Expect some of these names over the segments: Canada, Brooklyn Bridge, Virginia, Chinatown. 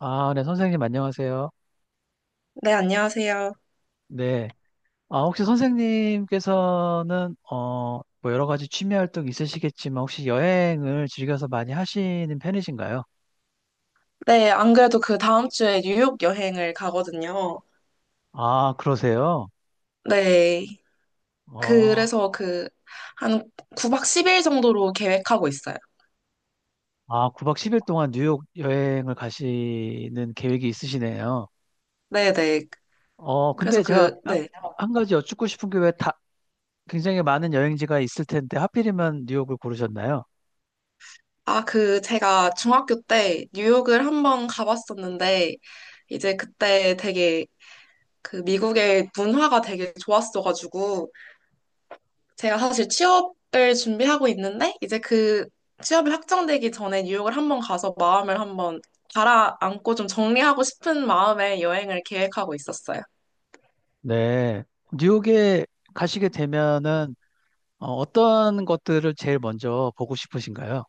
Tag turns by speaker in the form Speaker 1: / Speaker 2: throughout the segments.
Speaker 1: 아, 네, 선생님, 안녕하세요.
Speaker 2: 네, 안녕하세요.
Speaker 1: 네. 아, 혹시 선생님께서는, 뭐 여러 가지 취미 활동 있으시겠지만, 혹시 여행을 즐겨서 많이 하시는 편이신가요?
Speaker 2: 네, 안 그래도 그 다음 주에 뉴욕 여행을 가거든요.
Speaker 1: 아, 그러세요?
Speaker 2: 네,
Speaker 1: 어,
Speaker 2: 그래서 그 한 9박 10일 정도로 계획하고 있어요.
Speaker 1: 9박 10일 동안 뉴욕 여행을 가시는 계획이 있으시네요.
Speaker 2: 네, 네.
Speaker 1: 근데
Speaker 2: 그래서
Speaker 1: 제가
Speaker 2: 그, 네.
Speaker 1: 한 가지 여쭙고 싶은 게 왜 다, 굉장히 많은 여행지가 있을 텐데, 하필이면 뉴욕을 고르셨나요?
Speaker 2: 아, 그 제가 중학교 때 뉴욕을 한번 가봤었는데, 이제 그때 되게 그 미국의 문화가 되게 좋았어가지고, 제가 사실 취업을 준비하고 있는데, 이제 그 취업이 확정되기 전에 뉴욕을 한번 가서 마음을 한번 가라앉고 좀 정리하고 싶은 마음에 여행을 계획하고 있었어요.
Speaker 1: 네. 뉴욕에 가시게 되면은, 어떤 것들을 제일 먼저 보고 싶으신가요?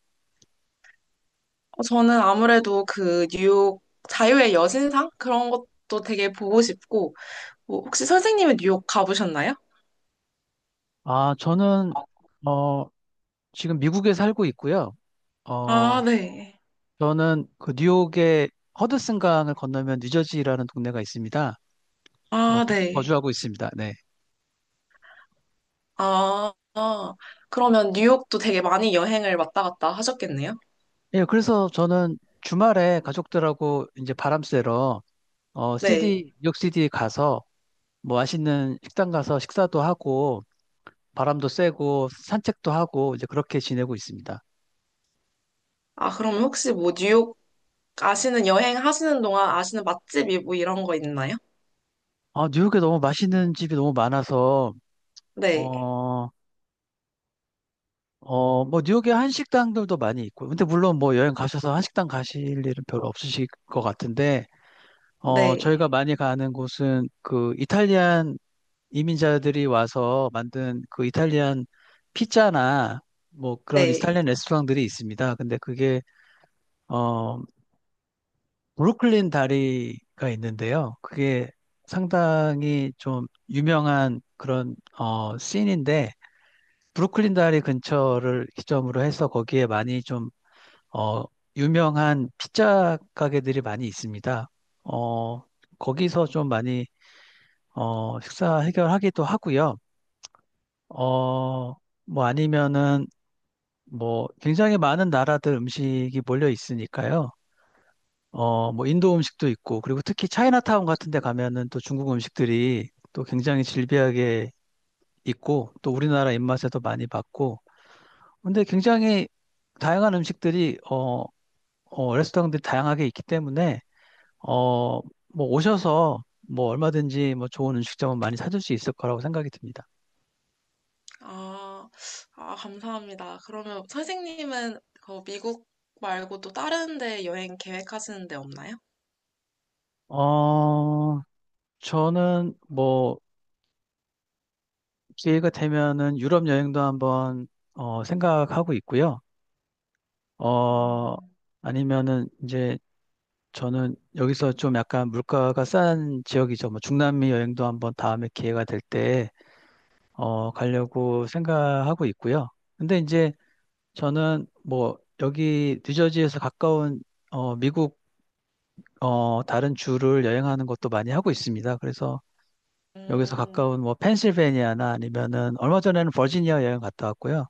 Speaker 2: 저는 아무래도 그 뉴욕 자유의 여신상? 그런 것도 되게 보고 싶고, 뭐 혹시 선생님은 뉴욕 가보셨나요?
Speaker 1: 아, 저는, 어, 지금 미국에 살고 있고요.
Speaker 2: 아,
Speaker 1: 어,
Speaker 2: 네.
Speaker 1: 저는 그 뉴욕의 허드슨강을 건너면 뉴저지라는 동네가 있습니다.
Speaker 2: 아,
Speaker 1: 거기
Speaker 2: 네.
Speaker 1: 거주하고 있습니다. 네.
Speaker 2: 아, 아. 그러면 뉴욕도 되게 많이 여행을 왔다 갔다 하셨겠네요?
Speaker 1: 예, 그래서 저는 주말에 가족들하고 이제 바람 쐬러, 시
Speaker 2: 네.
Speaker 1: d 뉴욕 시 d 가서 뭐 맛있는 식당 가서 식사도 하고 바람도 쐬고 산책도 하고 이제 그렇게 지내고 있습니다.
Speaker 2: 아, 그러면 혹시 뭐 뉴욕 아시는 여행 하시는 동안 아시는 맛집이 뭐 이런 거 있나요?
Speaker 1: 아, 뉴욕에 너무 맛있는 집이 너무 많아서
Speaker 2: 네,
Speaker 1: 어, 뭐, 뉴욕에 한식당들도 많이 있고, 근데 물론 뭐 여행 가셔서 한식당 가실 일은 별로 없으실 것 같은데,
Speaker 2: 네,
Speaker 1: 저희가 많이 가는 곳은 그 이탈리안 이민자들이 와서 만든 그 이탈리안 피자나 뭐 그런
Speaker 2: 네.
Speaker 1: 이탈리안 레스토랑들이 있습니다. 근데 그게, 어, 브루클린 다리가 있는데요. 그게 상당히 좀 유명한 그런, 씬인데, 브루클린 다리 근처를 기점으로 해서 거기에 많이 좀, 어, 유명한 피자 가게들이 많이 있습니다. 어, 거기서 좀 많이, 식사 해결하기도 하고요. 어, 뭐 아니면은 뭐 굉장히 많은 나라들 음식이 몰려 있으니까요. 뭐 인도 음식도 있고, 그리고 특히 차이나타운 같은 데 가면은 또 중국 음식들이 또 굉장히 질비하게 있고, 또 우리나라 입맛에도 많이 맞고, 근데 굉장히 다양한 음식들이 레스토랑들이 다양하게 있기 때문에 어, 뭐 오셔서 뭐 얼마든지 뭐 좋은 음식점은 많이 찾을 수 있을 거라고 생각이 듭니다.
Speaker 2: 아, 아, 감사합니다. 그러면 선생님은 그 미국 말고 또 다른 데 여행 계획하시는 데 없나요?
Speaker 1: 어, 저는 뭐 기회가 되면은 유럽 여행도 한번 생각하고 있고요. 어,
Speaker 2: 음,
Speaker 1: 아니면은 이제 저는 여기서 좀 약간 물가가 싼 지역이죠. 뭐 중남미 여행도 한번 다음에 기회가 될때 가려고 생각하고 있고요. 근데 이제 저는 뭐 여기 뉴저지에서 가까운 미국 다른 주를 여행하는 것도 많이 하고 있습니다. 그래서 여기서
Speaker 2: 음,
Speaker 1: 가까운 뭐 펜실베니아나 아니면은 얼마 전에는 버지니아 여행 갔다 왔고요.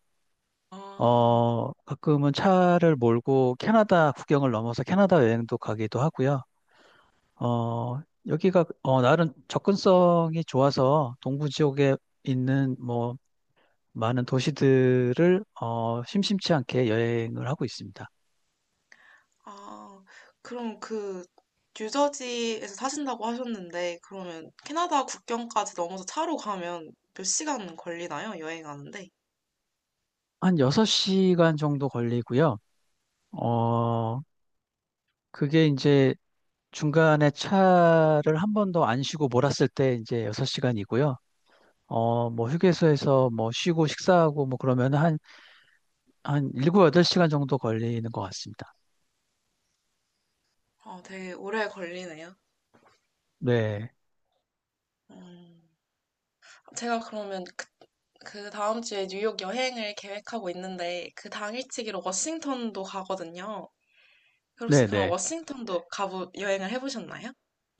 Speaker 2: 아,
Speaker 1: 가끔은 차를 몰고 캐나다 국경을 넘어서 캐나다 여행도 가기도 하고요. 어, 여기가 나름 접근성이 좋아서 동부 지역에 있는 뭐 많은 도시들을 심심치 않게 여행을 하고 있습니다.
Speaker 2: 아, 그럼 그 뉴저지에서 사신다고 하셨는데 그러면 캐나다 국경까지 넘어서 차로 가면 몇 시간 걸리나요? 여행하는데?
Speaker 1: 한 6시간 정도 걸리고요. 어, 그게 이제 중간에 차를 한 번도 안 쉬고 몰았을 때 이제 6시간이고요. 뭐 휴게소에서 뭐 쉬고 식사하고 뭐 그러면 한, 한 7, 8시간 정도 걸리는 것 같습니다.
Speaker 2: 아, 되게 오래 걸리네요.
Speaker 1: 네.
Speaker 2: 음. 제가 그러면 그 다음 주에 뉴욕 여행을 계획하고 있는데 그 당일치기로 워싱턴도 가거든요. 혹시 그럼
Speaker 1: 네네.
Speaker 2: 워싱턴도 가보 여행을 해보셨나요?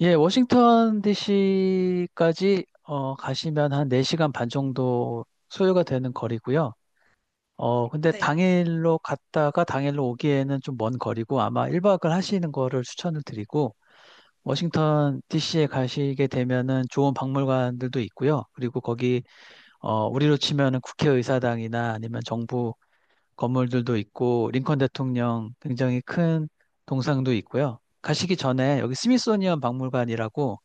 Speaker 1: 예, 워싱턴 DC까지 가시면 한 4시간 반 정도 소요가 되는 거리고요. 근데
Speaker 2: 네.
Speaker 1: 당일로 갔다가 당일로 오기에는 좀 먼 거리고 아마 1박을 하시는 거를 추천을 드리고 워싱턴 DC에 가시게 되면은 좋은 박물관들도 있고요. 그리고 거기 우리로 치면은 국회의사당이나 아니면 정부 건물들도 있고 링컨 대통령 굉장히 큰 동상도 있고요. 가시기 전에 여기 스미소니언 박물관이라고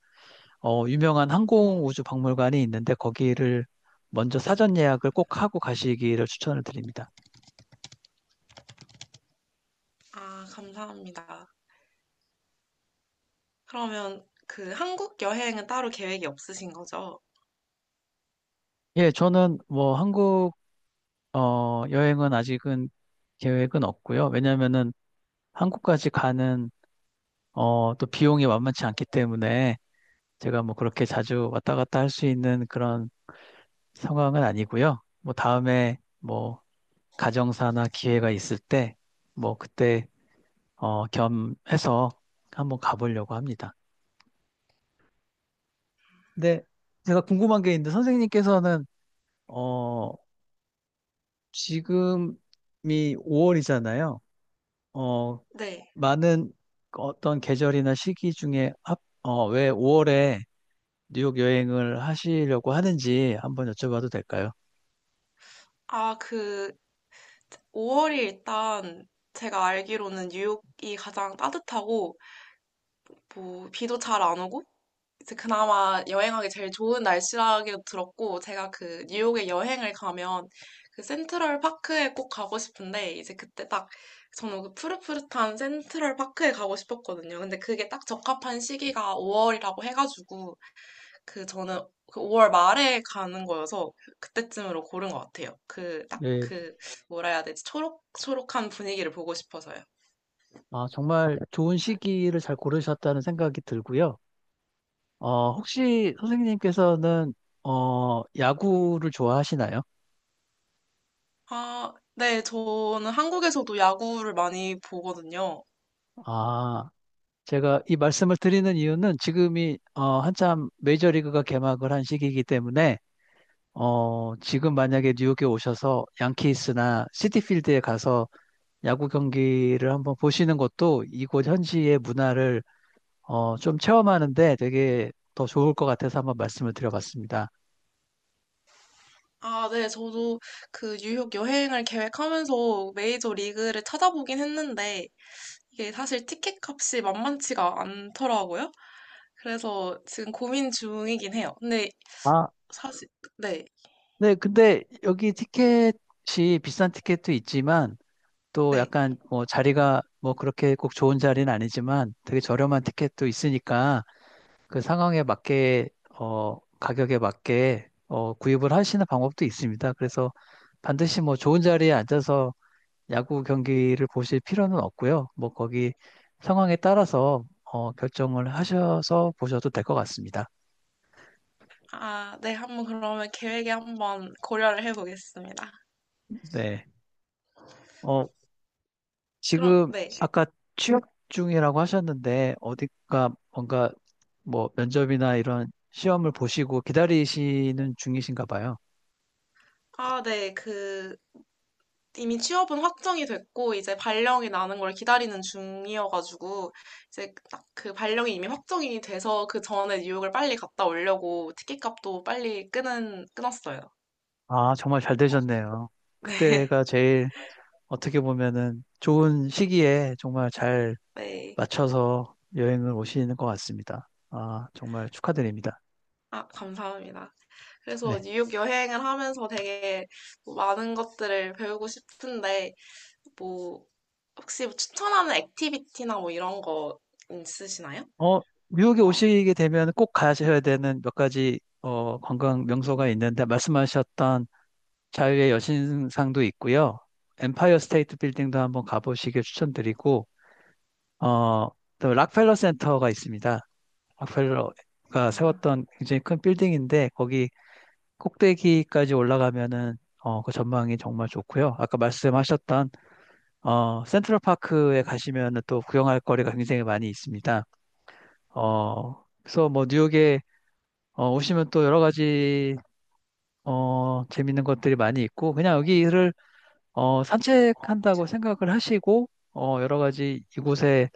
Speaker 1: 유명한
Speaker 2: 어,
Speaker 1: 항공우주 박물관이 있는데 거기를 먼저 사전 예약을 꼭 하고 가시기를 추천을 드립니다.
Speaker 2: 아, 감사합니다. 그러면 그 한국 여행은 따로 계획이 없으신 거죠?
Speaker 1: 예, 저는 뭐 한국 여행은 아직은 계획은 없고요. 왜냐면은 한국까지 가는 또 비용이 만만치 않기 때문에 제가 뭐 그렇게 자주 왔다 갔다 할 수 있는 그런 상황은 아니고요. 뭐 다음에 뭐 가정사나 기회가 있을 때 뭐 그때 겸해서 한번 가보려고 합니다. 근데 제가 궁금한 게 있는데 선생님께서는 어 지금이 5월이잖아요.
Speaker 2: 네.
Speaker 1: 많은 어떤 계절이나 시기 중에 왜 5월에 뉴욕 여행을 하시려고 하는지 한번 여쭤봐도 될까요?
Speaker 2: 아, 그 5월이 일단 제가 알기로는 뉴욕이 가장 따뜻하고 뭐 비도 잘 안 오고 이제 그나마 여행하기 제일 좋은 날씨라고 들었고, 제가 그 뉴욕에 여행을 가면 그 센트럴 파크에 꼭 가고 싶은데, 이제 그때 딱 저는 그 푸릇푸릇한 센트럴 파크에 가고 싶었거든요. 근데 그게 딱 적합한 시기가 5월이라고 해가지고, 그 저는 그 5월 말에 가는 거여서 그때쯤으로 고른 것 같아요. 그 딱
Speaker 1: 네.
Speaker 2: 그 뭐라 해야 되지? 초록초록한 분위기를 보고 싶어서요.
Speaker 1: 아, 정말 좋은 시기를 잘 고르셨다는 생각이 들고요. 혹시 선생님께서는 야구를 좋아하시나요?
Speaker 2: 아, 네, 저는 한국에서도 야구를 많이 보거든요.
Speaker 1: 아, 제가 이 말씀을 드리는 이유는 지금이 한참 메이저리그가 개막을 한 시기이기 때문에 지금 만약에 뉴욕에 오셔서 양키스나 시티필드에 가서 야구 경기를 한번 보시는 것도 이곳 현지의 문화를 좀 체험하는데 되게 더 좋을 것 같아서 한번 말씀을 드려봤습니다.
Speaker 2: 아, 네, 저도 그 뉴욕 여행을 계획하면서 메이저 리그를 찾아보긴 했는데, 이게 사실 티켓 값이 만만치가 않더라고요. 그래서 지금 고민 중이긴 해요. 근데
Speaker 1: 아,
Speaker 2: 사실, 네,
Speaker 1: 네. 근데 여기 티켓이 비싼 티켓도 있지만 또
Speaker 2: 네.
Speaker 1: 약간 뭐 자리가 뭐 그렇게 꼭 좋은 자리는 아니지만 되게 저렴한 티켓도 있으니까 그 상황에 맞게 가격에 맞게 구입을 하시는 방법도 있습니다. 그래서 반드시 뭐 좋은 자리에 앉아서 야구 경기를 보실 필요는 없고요. 뭐 거기 상황에 따라서 결정을 하셔서 보셔도 될 것 같습니다.
Speaker 2: 아, 네, 한번 그러면 계획에 한번 고려를 해보겠습니다.
Speaker 1: 네. 어,
Speaker 2: 그럼,
Speaker 1: 지금
Speaker 2: 네.
Speaker 1: 아까 취업 중이라고 하셨는데 어디가 뭔가 뭐 면접이나 이런 시험을 보시고 기다리시는 중이신가 봐요.
Speaker 2: 아, 네, 그, 이미 취업은 확정이 됐고 이제 발령이 나는 걸 기다리는 중이어가지고 이제 딱 그 발령이 이미 확정이 돼서 그 전에 뉴욕을 빨리 갔다 오려고 티켓값도 빨리 끄는 끊었어요.
Speaker 1: 아, 정말 잘 되셨네요.
Speaker 2: 네.
Speaker 1: 그때가 제일 어떻게 보면은 좋은 시기에 정말 잘
Speaker 2: 네.
Speaker 1: 맞춰서 여행을 오시는 것 같습니다. 아, 정말 축하드립니다.
Speaker 2: 아, 감사합니다. 그래서
Speaker 1: 네.
Speaker 2: 뉴욕 여행을 하면서 되게 뭐 많은 것들을 배우고 싶은데 뭐 혹시 뭐 추천하는 액티비티나 뭐 이런 거 있으시나요?
Speaker 1: 어, 뉴욕에 오시게 되면 꼭 가셔야 되는 몇 가지 관광 명소가 있는데 말씀하셨던 자유의 여신상도 있고요. 엠파이어 스테이트 빌딩도 한번 가보시길 추천드리고 어, 또 락펠러 센터가 있습니다. 락펠러가
Speaker 2: 아.
Speaker 1: 세웠던 굉장히 큰 빌딩인데 거기 꼭대기까지 올라가면은 그 전망이 정말 좋고요. 아까 말씀하셨던 센트럴 파크에 가시면은 또 구경할 거리가 굉장히 많이 있습니다. 그래서 뭐 뉴욕에 오시면 또 여러 가지 재밌는 것들이 많이 있고 그냥 여기를 산책한다고 생각을 하시고 여러 가지 이곳의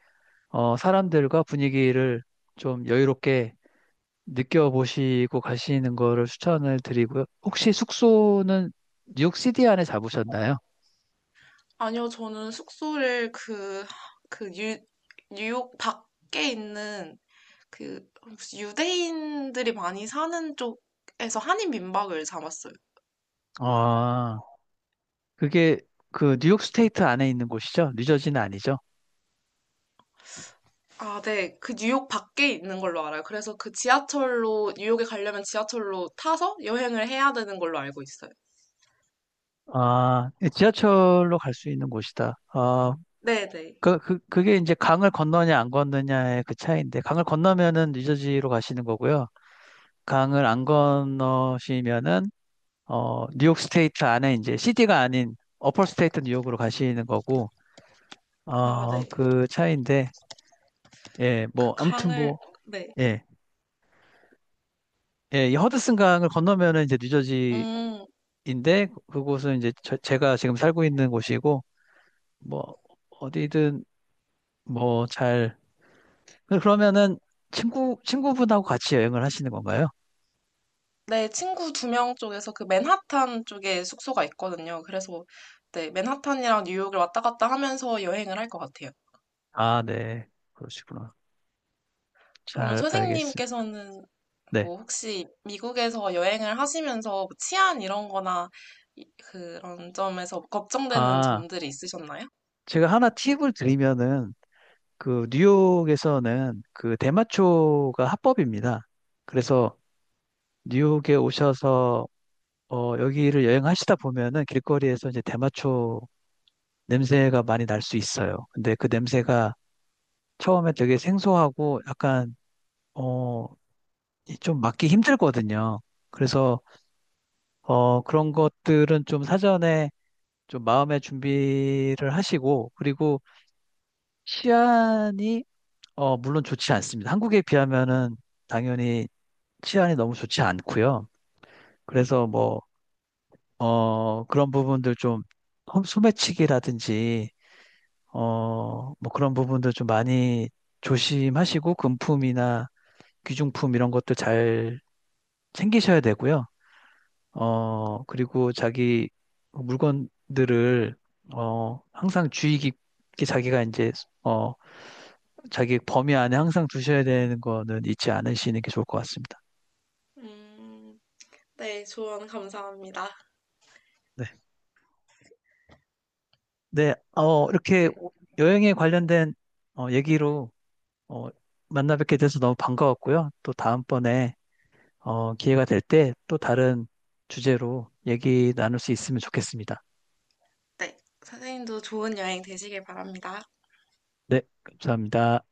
Speaker 1: 사람들과 분위기를 좀 여유롭게 느껴보시고 가시는 거를 추천을 드리고요. 혹시 숙소는 뉴욕 시티 안에 잡으셨나요?
Speaker 2: 아니요, 저는 숙소를 그, 뉴욕 밖에 있는 그 혹시 유대인들이 많이 사는 쪽에서 한인 민박을 잡았어요.
Speaker 1: 아, 그게 그 뉴욕 스테이트 안에 있는 곳이죠? 뉴저지는 아니죠?
Speaker 2: 아, 네. 그 뉴욕 밖에 있는 걸로 알아요. 그래서 그 지하철로, 뉴욕에 가려면 지하철로 타서 여행을 해야 되는 걸로 알고 있어요.
Speaker 1: 아, 예, 지하철로 갈 수 있는 곳이다. 아,
Speaker 2: 네네.
Speaker 1: 그게 이제 강을 건너냐 안 건너냐의 그 차이인데, 강을 건너면은 뉴저지로 가시는 거고요. 강을 안 건너시면은, 뉴욕 스테이트 안에 이제 시티가 아닌 어퍼 스테이트 뉴욕으로 가시는 거고,
Speaker 2: 아, 네.
Speaker 1: 그 차이인데, 예,
Speaker 2: 그
Speaker 1: 뭐, 아무튼
Speaker 2: 강을,
Speaker 1: 뭐,
Speaker 2: 네.
Speaker 1: 예, 예, 이 허드슨 강을 건너면은 이제 뉴저지인데,
Speaker 2: 음.
Speaker 1: 그곳은 이제 제가 지금 살고 있는 곳이고, 뭐, 어디든 뭐 잘, 그러면은 친구분하고 같이 여행을 하시는 건가요?
Speaker 2: 네, 친구 두 명 쪽에서 그 맨하탄 쪽에 숙소가 있거든요. 그래서 네, 맨하탄이랑 뉴욕을 왔다 갔다 하면서 여행을 할 것 같아요.
Speaker 1: 아, 네. 그러시구나.
Speaker 2: 그러면
Speaker 1: 잘 알겠습니다.
Speaker 2: 선생님께서는
Speaker 1: 네.
Speaker 2: 뭐 혹시 미국에서 여행을 하시면서 뭐 치안 이런 거나 그런 점에서 걱정되는
Speaker 1: 아,
Speaker 2: 점들이 있으셨나요?
Speaker 1: 제가 하나 팁을 드리면은, 그, 뉴욕에서는 그 대마초가 합법입니다. 그래서 뉴욕에 오셔서, 여기를 여행하시다 보면은 길거리에서 이제 대마초 냄새가 많이 날 수 있어요. 근데 그 냄새가 처음에 되게 생소하고 약간, 어, 이좀 맡기 힘들거든요. 그래서, 그런 것들은 좀 사전에 좀 마음의 준비를 하시고 그리고 치안이 물론 좋지 않습니다. 한국에 비하면은 당연히 치안이 너무 좋지 않고요. 그래서 뭐 그런 부분들 좀 소매치기라든지 어 뭐 그런 부분들 좀 많이 조심하시고 금품이나 귀중품 이런 것들 잘 챙기셔야 되고요. 그리고 자기 물건들을 항상 주의 깊게 자기가 이제 어 자기 범위 안에 항상 두셔야 되는 거는 잊지 않으시는 게 좋을 것 같습니다.
Speaker 2: 음, 네, 조언 감사합니다.
Speaker 1: 네. 네, 이렇게 여행에 관련된 얘기로 어, 만나 뵙게 돼서 너무 반가웠고요. 또 다음번에 기회가 될 때 또 다른 주제로 얘기 나눌 수 있으면 좋겠습니다.
Speaker 2: 네, 선생님도 좋은 여행 되시길 바랍니다.
Speaker 1: 네, 감사합니다.